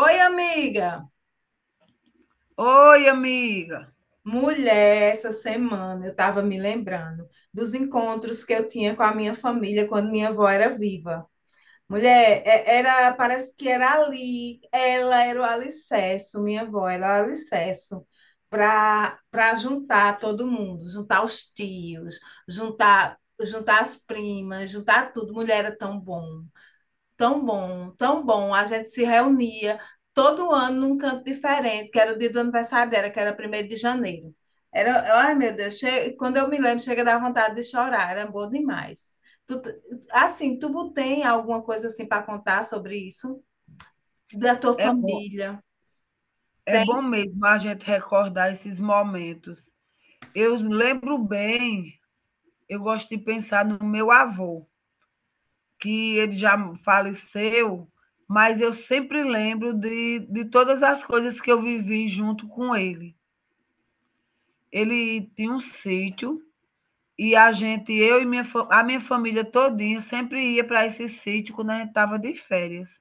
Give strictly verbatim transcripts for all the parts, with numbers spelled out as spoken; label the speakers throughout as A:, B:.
A: Oi, amiga.
B: Oi, amiga.
A: Mulher, essa semana eu estava me lembrando dos encontros que eu tinha com a minha família quando minha avó era viva. Mulher, é- era, parece que era ali, ela era o alicerce, minha avó era o alicerce para para juntar todo mundo, juntar os tios, juntar juntar as primas, juntar tudo. Mulher, era tão bom. Tão bom, tão bom. A gente se reunia todo ano num canto diferente, que era o dia do aniversário dela, que era primeiro de janeiro. Era, ai meu Deus, che- quando eu me lembro, chega a dar vontade de chorar, era bom demais. Tu, t- assim, tu tem alguma coisa assim para contar sobre isso? Da tua
B: É bom,
A: família?
B: é bom mesmo a gente recordar esses momentos. Eu lembro bem, eu gosto de pensar no meu avô, que ele já faleceu, mas eu sempre lembro de, de todas as coisas que eu vivi junto com ele. Ele tinha um sítio e a gente, eu e minha, fa- a minha família todinha, sempre ia para esse sítio quando a gente estava de férias.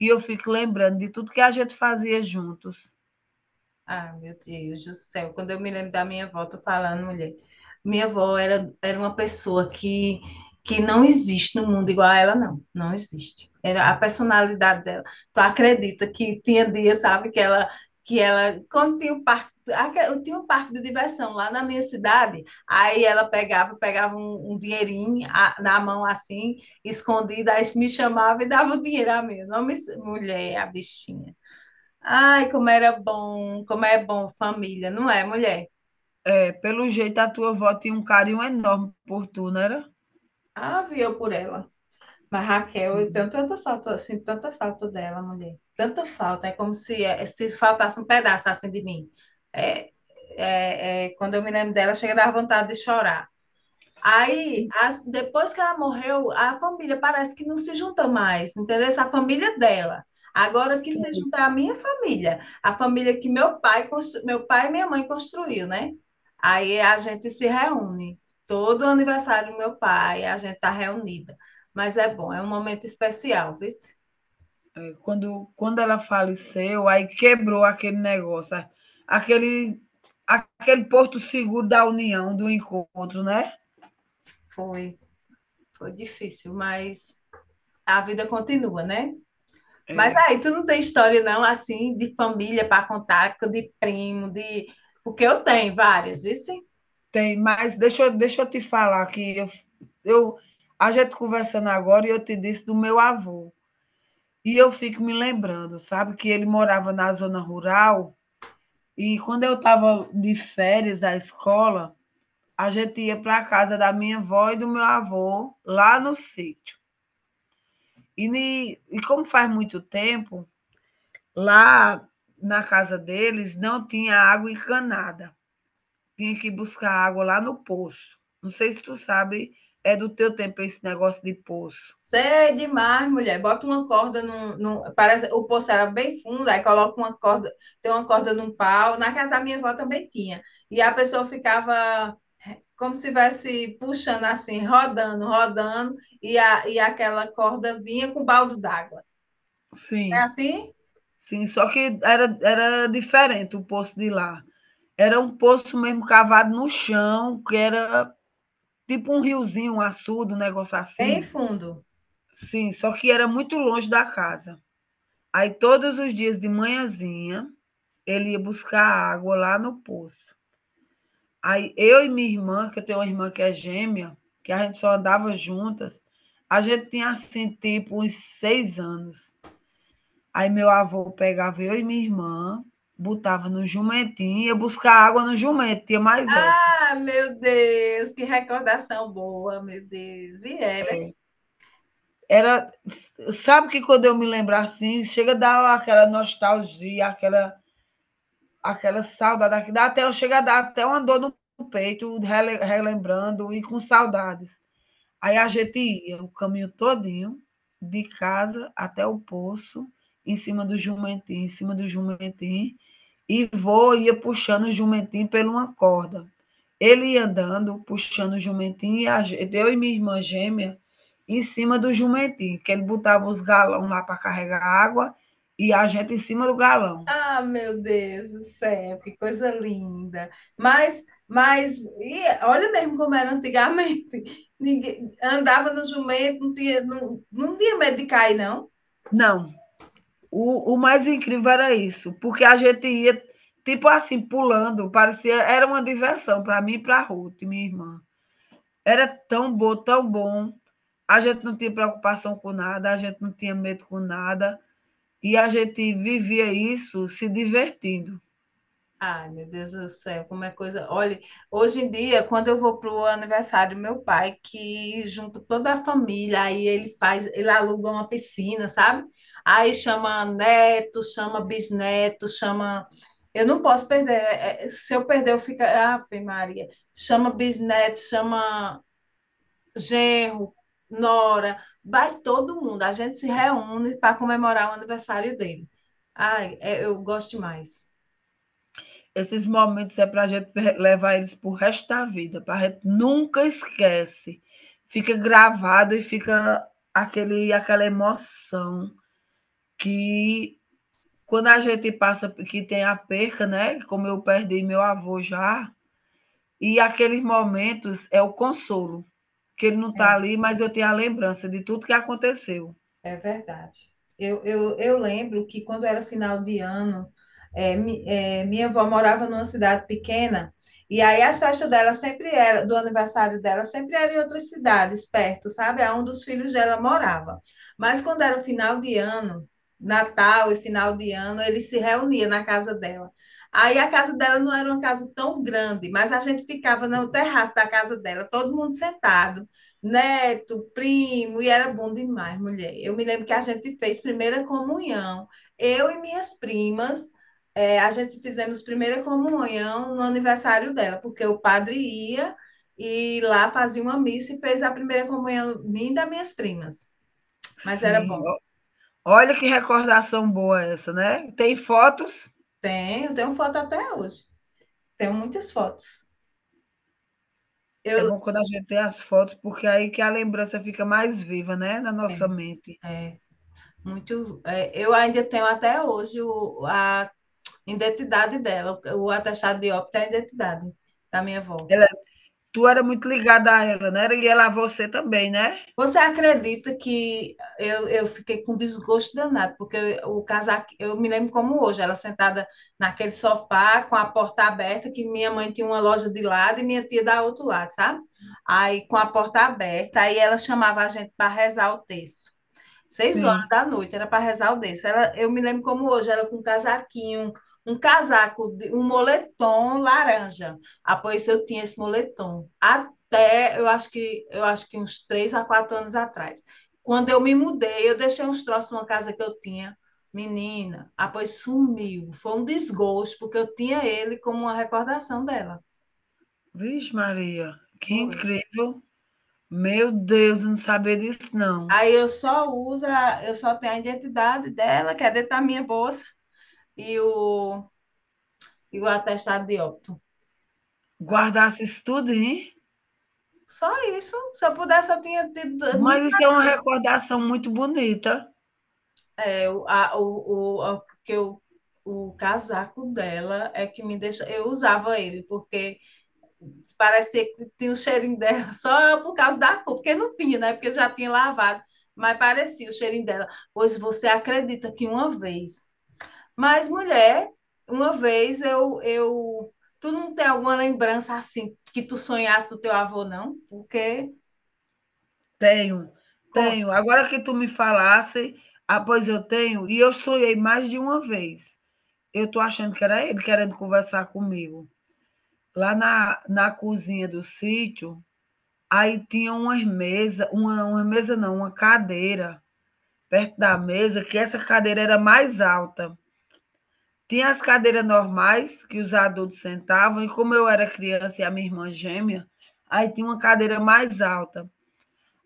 B: E eu fico lembrando de tudo que a gente fazia juntos.
A: Ah, meu Deus do céu. Quando eu me lembro da minha avó, tô falando, mulher. Minha avó era, era uma pessoa que, que não existe no mundo igual a ela, não. Não existe. Era a personalidade dela. Tu acredita que tinha dia, sabe, que ela, que ela, quando tinha o parque, aque- eu tinha um parque de diversão lá na minha cidade, aí ela pegava, pegava um, um dinheirinho a- na mão assim, escondida, aí me chamava e dava o dinheiro a mim. Não me, mulher, a bichinha. Ai, como era bom, como é bom família, não é, mulher?
B: Pelo jeito, a tua avó tinha um carinho enorme por tu, não era?
A: Ave eu por ela. Mas, Raquel, eu
B: Sim,
A: tenho tanta falta, assim, tanta falta dela, mulher. Tanta falta, é como se, é, se faltasse um pedaço assim de mim. É, é, é, quando eu me lembro dela, chega a dar vontade de chorar. Aí, as- depois que ela morreu, a família parece que não se junta mais, entendeu? Essa família é dela. Agora que se
B: sim.
A: junta é a minha família, a família que meu pai, constru- meu pai e minha mãe construiu, né? Aí a gente se reúne. Todo aniversário do meu pai, a gente tá reunida. Mas é bom, é um momento especial, viu?
B: É, quando quando ela faleceu, aí quebrou aquele negócio, a aquele aquele porto seguro da união, do encontro, né.
A: Foi, foi difícil, mas a vida continua, né? Mas
B: É,
A: aí tu não tem história não assim de família para contar, que de primo, de, porque eu tenho várias, viu? Sim?
B: tem, mas deixa eu deixa eu te falar que eu eu a gente conversando agora e eu te disse do meu avô, e eu fico me lembrando, sabe, que ele morava na zona rural, e quando eu estava de férias da escola a gente ia para a casa da minha avó e do meu avô, lá no sítio. E, e como faz muito tempo, lá na casa deles não tinha água encanada. Tinha que buscar água lá no poço. Não sei se tu sabe, é do teu tempo esse negócio de poço.
A: Cê é demais, mulher. Bota uma corda num, num- parece, o poço era bem fundo, aí coloca uma corda, tem uma corda num pau. Na casa da minha avó também tinha. E a pessoa ficava como se estivesse puxando assim, rodando, rodando, e, a, e aquela corda vinha com balde d'água. É
B: Sim,
A: assim?
B: sim, só que era, era diferente o poço de lá. Era um poço mesmo cavado no chão, que era tipo um riozinho, um açude, um negócio
A: Bem
B: assim.
A: fundo.
B: Sim, só que era muito longe da casa. Aí todos os dias de manhãzinha, ele ia buscar água lá no poço. Aí eu e minha irmã, que eu tenho uma irmã que é gêmea, que a gente só andava juntas, a gente tinha assim, tipo, uns seis anos. Aí meu avô pegava eu e minha irmã, botava no jumentinho, ia buscar água no jumento, tinha mais essa.
A: Ah, meu Deus, que recordação boa, meu Deus. E era.
B: É. Era, sabe que quando eu me lembro assim, chega a dar aquela nostalgia, aquela aquela saudade, que dá até, eu chego a dar até uma dor no peito, rele- relembrando e com saudades. Aí a gente ia o caminho todinho, de casa até o poço, em cima do jumentinho, em cima do jumentinho, E vô ia puxando o jumentinho por uma corda. Ele ia andando, puxando o jumentinho, e a gente, eu e minha irmã gêmea, em cima do jumentinho, que ele botava os galões lá para carregar água, e a gente em cima do galão.
A: Ah, meu Deus do céu, que coisa linda. Mas, mas, e olha mesmo como era antigamente. Ninguém andava no jumento, não tinha, não, não tinha medo de cair, não.
B: Não. O, o mais incrível era isso, porque a gente ia, tipo assim, pulando, parecia, era uma diversão para mim e para Ruth, minha irmã. Era tão bom, tão bom. A gente não tinha preocupação com nada, a gente não tinha medo com nada, e a gente vivia isso se divertindo.
A: Ai, meu Deus do céu, como é coisa. Olha, hoje em dia, quando eu vou pro aniversário do meu pai, que junto toda a família, aí ele faz, ele aluga uma piscina, sabe? Aí chama neto, chama bisneto, chama. Eu não posso perder. é, é, Se eu perder, eu fico. Ah, Maria. Chama bisneto, chama genro, nora, vai todo mundo. A gente se reúne para comemorar o aniversário dele. Ai, é- eu gosto demais.
B: Esses momentos é para a gente levar eles para o resto da vida, para a gente nunca esquece. Fica gravado e fica aquele, aquela emoção que, quando a gente passa, que tem a perca, né? Como eu perdi meu avô já, e aqueles momentos é o consolo, que ele não está
A: É.
B: ali, mas eu tenho a lembrança de tudo que aconteceu.
A: É verdade. Eu, eu, eu lembro que quando era final de ano, é, mi- é, minha avó morava numa cidade pequena, e aí as festas dela sempre era, do aniversário dela, sempre era em outras cidades perto, sabe? Aonde os filhos dela morava. Mas quando era final de ano, Natal e final de ano, eles se reuniam na casa dela. Aí a casa dela não era uma casa tão grande, mas a gente ficava no terraço da casa dela, todo mundo sentado, neto, primo, e era bom demais, mulher. Eu me lembro que a gente fez primeira comunhão. Eu e minhas primas, eh, a gente fizemos primeira comunhão no aniversário dela, porque o padre ia e lá fazia uma missa e fez a primeira comunhão minha e das minhas primas. Mas era
B: Sim,
A: bom.
B: o olha que recordação boa essa, né? Tem fotos,
A: Tenho, tenho foto até hoje. Tenho muitas fotos.
B: é
A: Eu,
B: bom quando a gente tem as fotos, porque é aí que a lembrança fica mais viva, né, na nossa
A: é,
B: mente.
A: é, muito, é, eu ainda tenho até hoje o, a identidade dela, o atestado de óbito é a identidade da minha avó.
B: Ela Tu era muito ligada a ela, né? E ela a você também, né?
A: Você acredita que eu, eu fiquei com desgosto danado, porque eu, o casaco, eu me lembro como hoje, ela sentada naquele sofá com a porta aberta, que minha mãe tinha uma loja de lado e minha tia da outro lado, sabe? Aí com a porta aberta, aí ela chamava a gente para rezar o terço. Seis horas
B: Sim.
A: da noite, era para rezar o terço. Ela, eu me lembro como hoje, era com um casaquinho, um casaco, de- um moletom laranja. Ah, pois eu tinha esse moletom. Até, eu acho que, eu acho que uns três a quatro anos atrás. Quando eu me mudei, eu deixei uns troços numa casa que eu tinha. Menina, ah, pois sumiu. Foi um desgosto, porque eu tinha ele como uma recordação dela.
B: Vixe Maria, que
A: Foi.
B: incrível. Meu Deus, eu não sabia disso não.
A: Aí eu só uso, a- eu só tenho a identidade dela, que é dentro da minha bolsa, e o, e o atestado de óbito.
B: Guardasse isso tudo, hein?
A: Só isso. Se eu pudesse, eu tinha tido.
B: Mas isso é uma recordação muito bonita.
A: É, o, a, o, o, que eu, o casaco dela é que me deixa. Eu usava ele, porque parecia que tinha o cheirinho dela, só por causa da cor, porque não tinha, né? Porque já tinha lavado, mas parecia o cheirinho dela. Pois você acredita que uma vez. Mas, mulher, uma vez eu, eu. Tu não tem alguma lembrança assim que tu sonhasse do teu avô, não? Porque.
B: Tenho, tenho.
A: Conta.
B: Agora que tu me falasse, ah, pois eu tenho, e eu sonhei mais de uma vez. Eu tô achando que era ele querendo conversar comigo. Lá na na cozinha do sítio, aí tinha uma mesa uma uma mesa não, uma cadeira perto da mesa, que essa cadeira era mais alta. Tinha as cadeiras normais que os adultos sentavam, e como eu era criança e a minha irmã gêmea, aí tinha uma cadeira mais alta.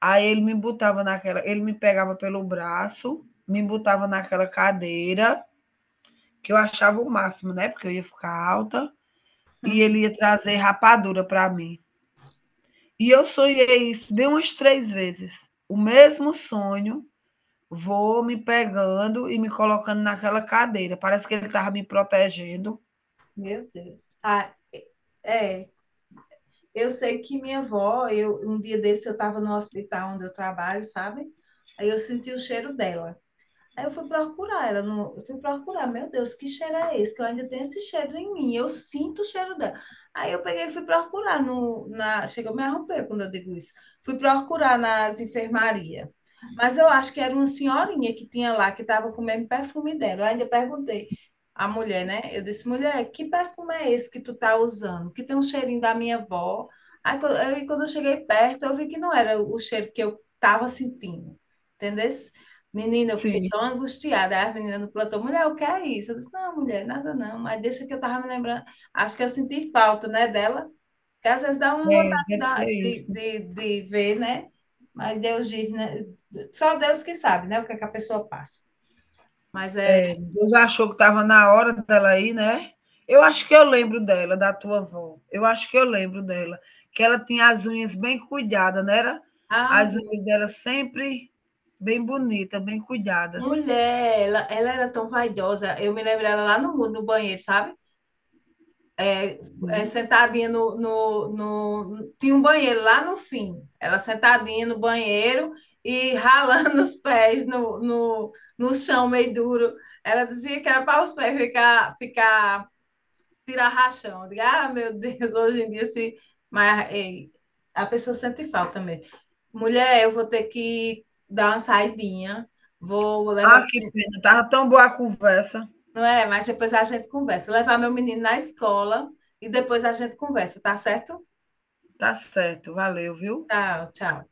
B: Aí ele me botava naquela, ele me pegava pelo braço, me botava naquela cadeira, que eu achava o máximo, né? Porque eu ia ficar alta, e ele
A: Hum.
B: ia trazer rapadura para mim. E eu sonhei isso de umas três vezes. O mesmo sonho, vou me pegando e me colocando naquela cadeira. Parece que ele estava me protegendo.
A: Meu Deus. Ah, é, é, eu sei que minha avó, eu, um dia desse eu estava no hospital onde eu trabalho, sabe? Aí eu senti o cheiro dela. Aí eu fui procurar ela, no, eu fui procurar, meu Deus, que cheiro é esse? Que eu ainda tenho esse cheiro em mim, eu sinto o cheiro dela. Aí eu peguei e fui procurar no, na, chega a me arromper quando eu digo isso. Fui procurar nas enfermarias. Mas eu acho que era uma senhorinha que tinha lá, que estava com o mesmo perfume dela. Eu ainda perguntei à mulher, né? Eu disse, mulher, que perfume é esse que tu tá usando? Que tem um cheirinho da minha avó. Aí quando eu, quando eu cheguei perto, eu vi que não era o cheiro que eu estava sentindo. Entendeu? Menina, eu fiquei
B: Sim.
A: tão angustiada. Aí a menina no plantão, mulher, o que é isso? Eu disse, não, mulher, nada não. Mas deixa que eu tava me lembrando. Acho que eu senti falta, né, dela. Que às vezes dá uma
B: É,
A: vontade
B: deve
A: da-
B: ser
A: de,
B: isso.
A: de, de ver, né? Mas Deus diz, né? Só Deus que sabe, né? O que é que a pessoa passa. Mas é...
B: Deus achou que estava na hora dela ir, né? Eu acho que eu lembro dela, da tua avó. Eu acho que eu lembro dela. Que ela tinha as unhas bem cuidadas, não era?
A: Ah,
B: As unhas dela sempre bem bonitas, bem cuidadas.
A: mulher, ela, ela era tão vaidosa. Eu me lembro dela lá no muro, no banheiro, sabe? É,
B: Sim.
A: sentadinha no, no, no. Tinha um banheiro lá no fim. Ela sentadinha no banheiro e ralando os pés no, no, no chão meio duro. Ela dizia que era para os pés ficar, ficar tirar rachão. Eu digo, ah, meu Deus, hoje em dia se. Mas, ei, a pessoa sente falta também. Mulher, eu vou ter que dar uma saidinha, vou levar.
B: Ah, que pena. Tava tão boa a conversa.
A: Não é? Mas depois a gente conversa. Levar meu menino na escola e depois a gente conversa, tá certo?
B: Tá certo, valeu, viu?
A: Tchau, tchau.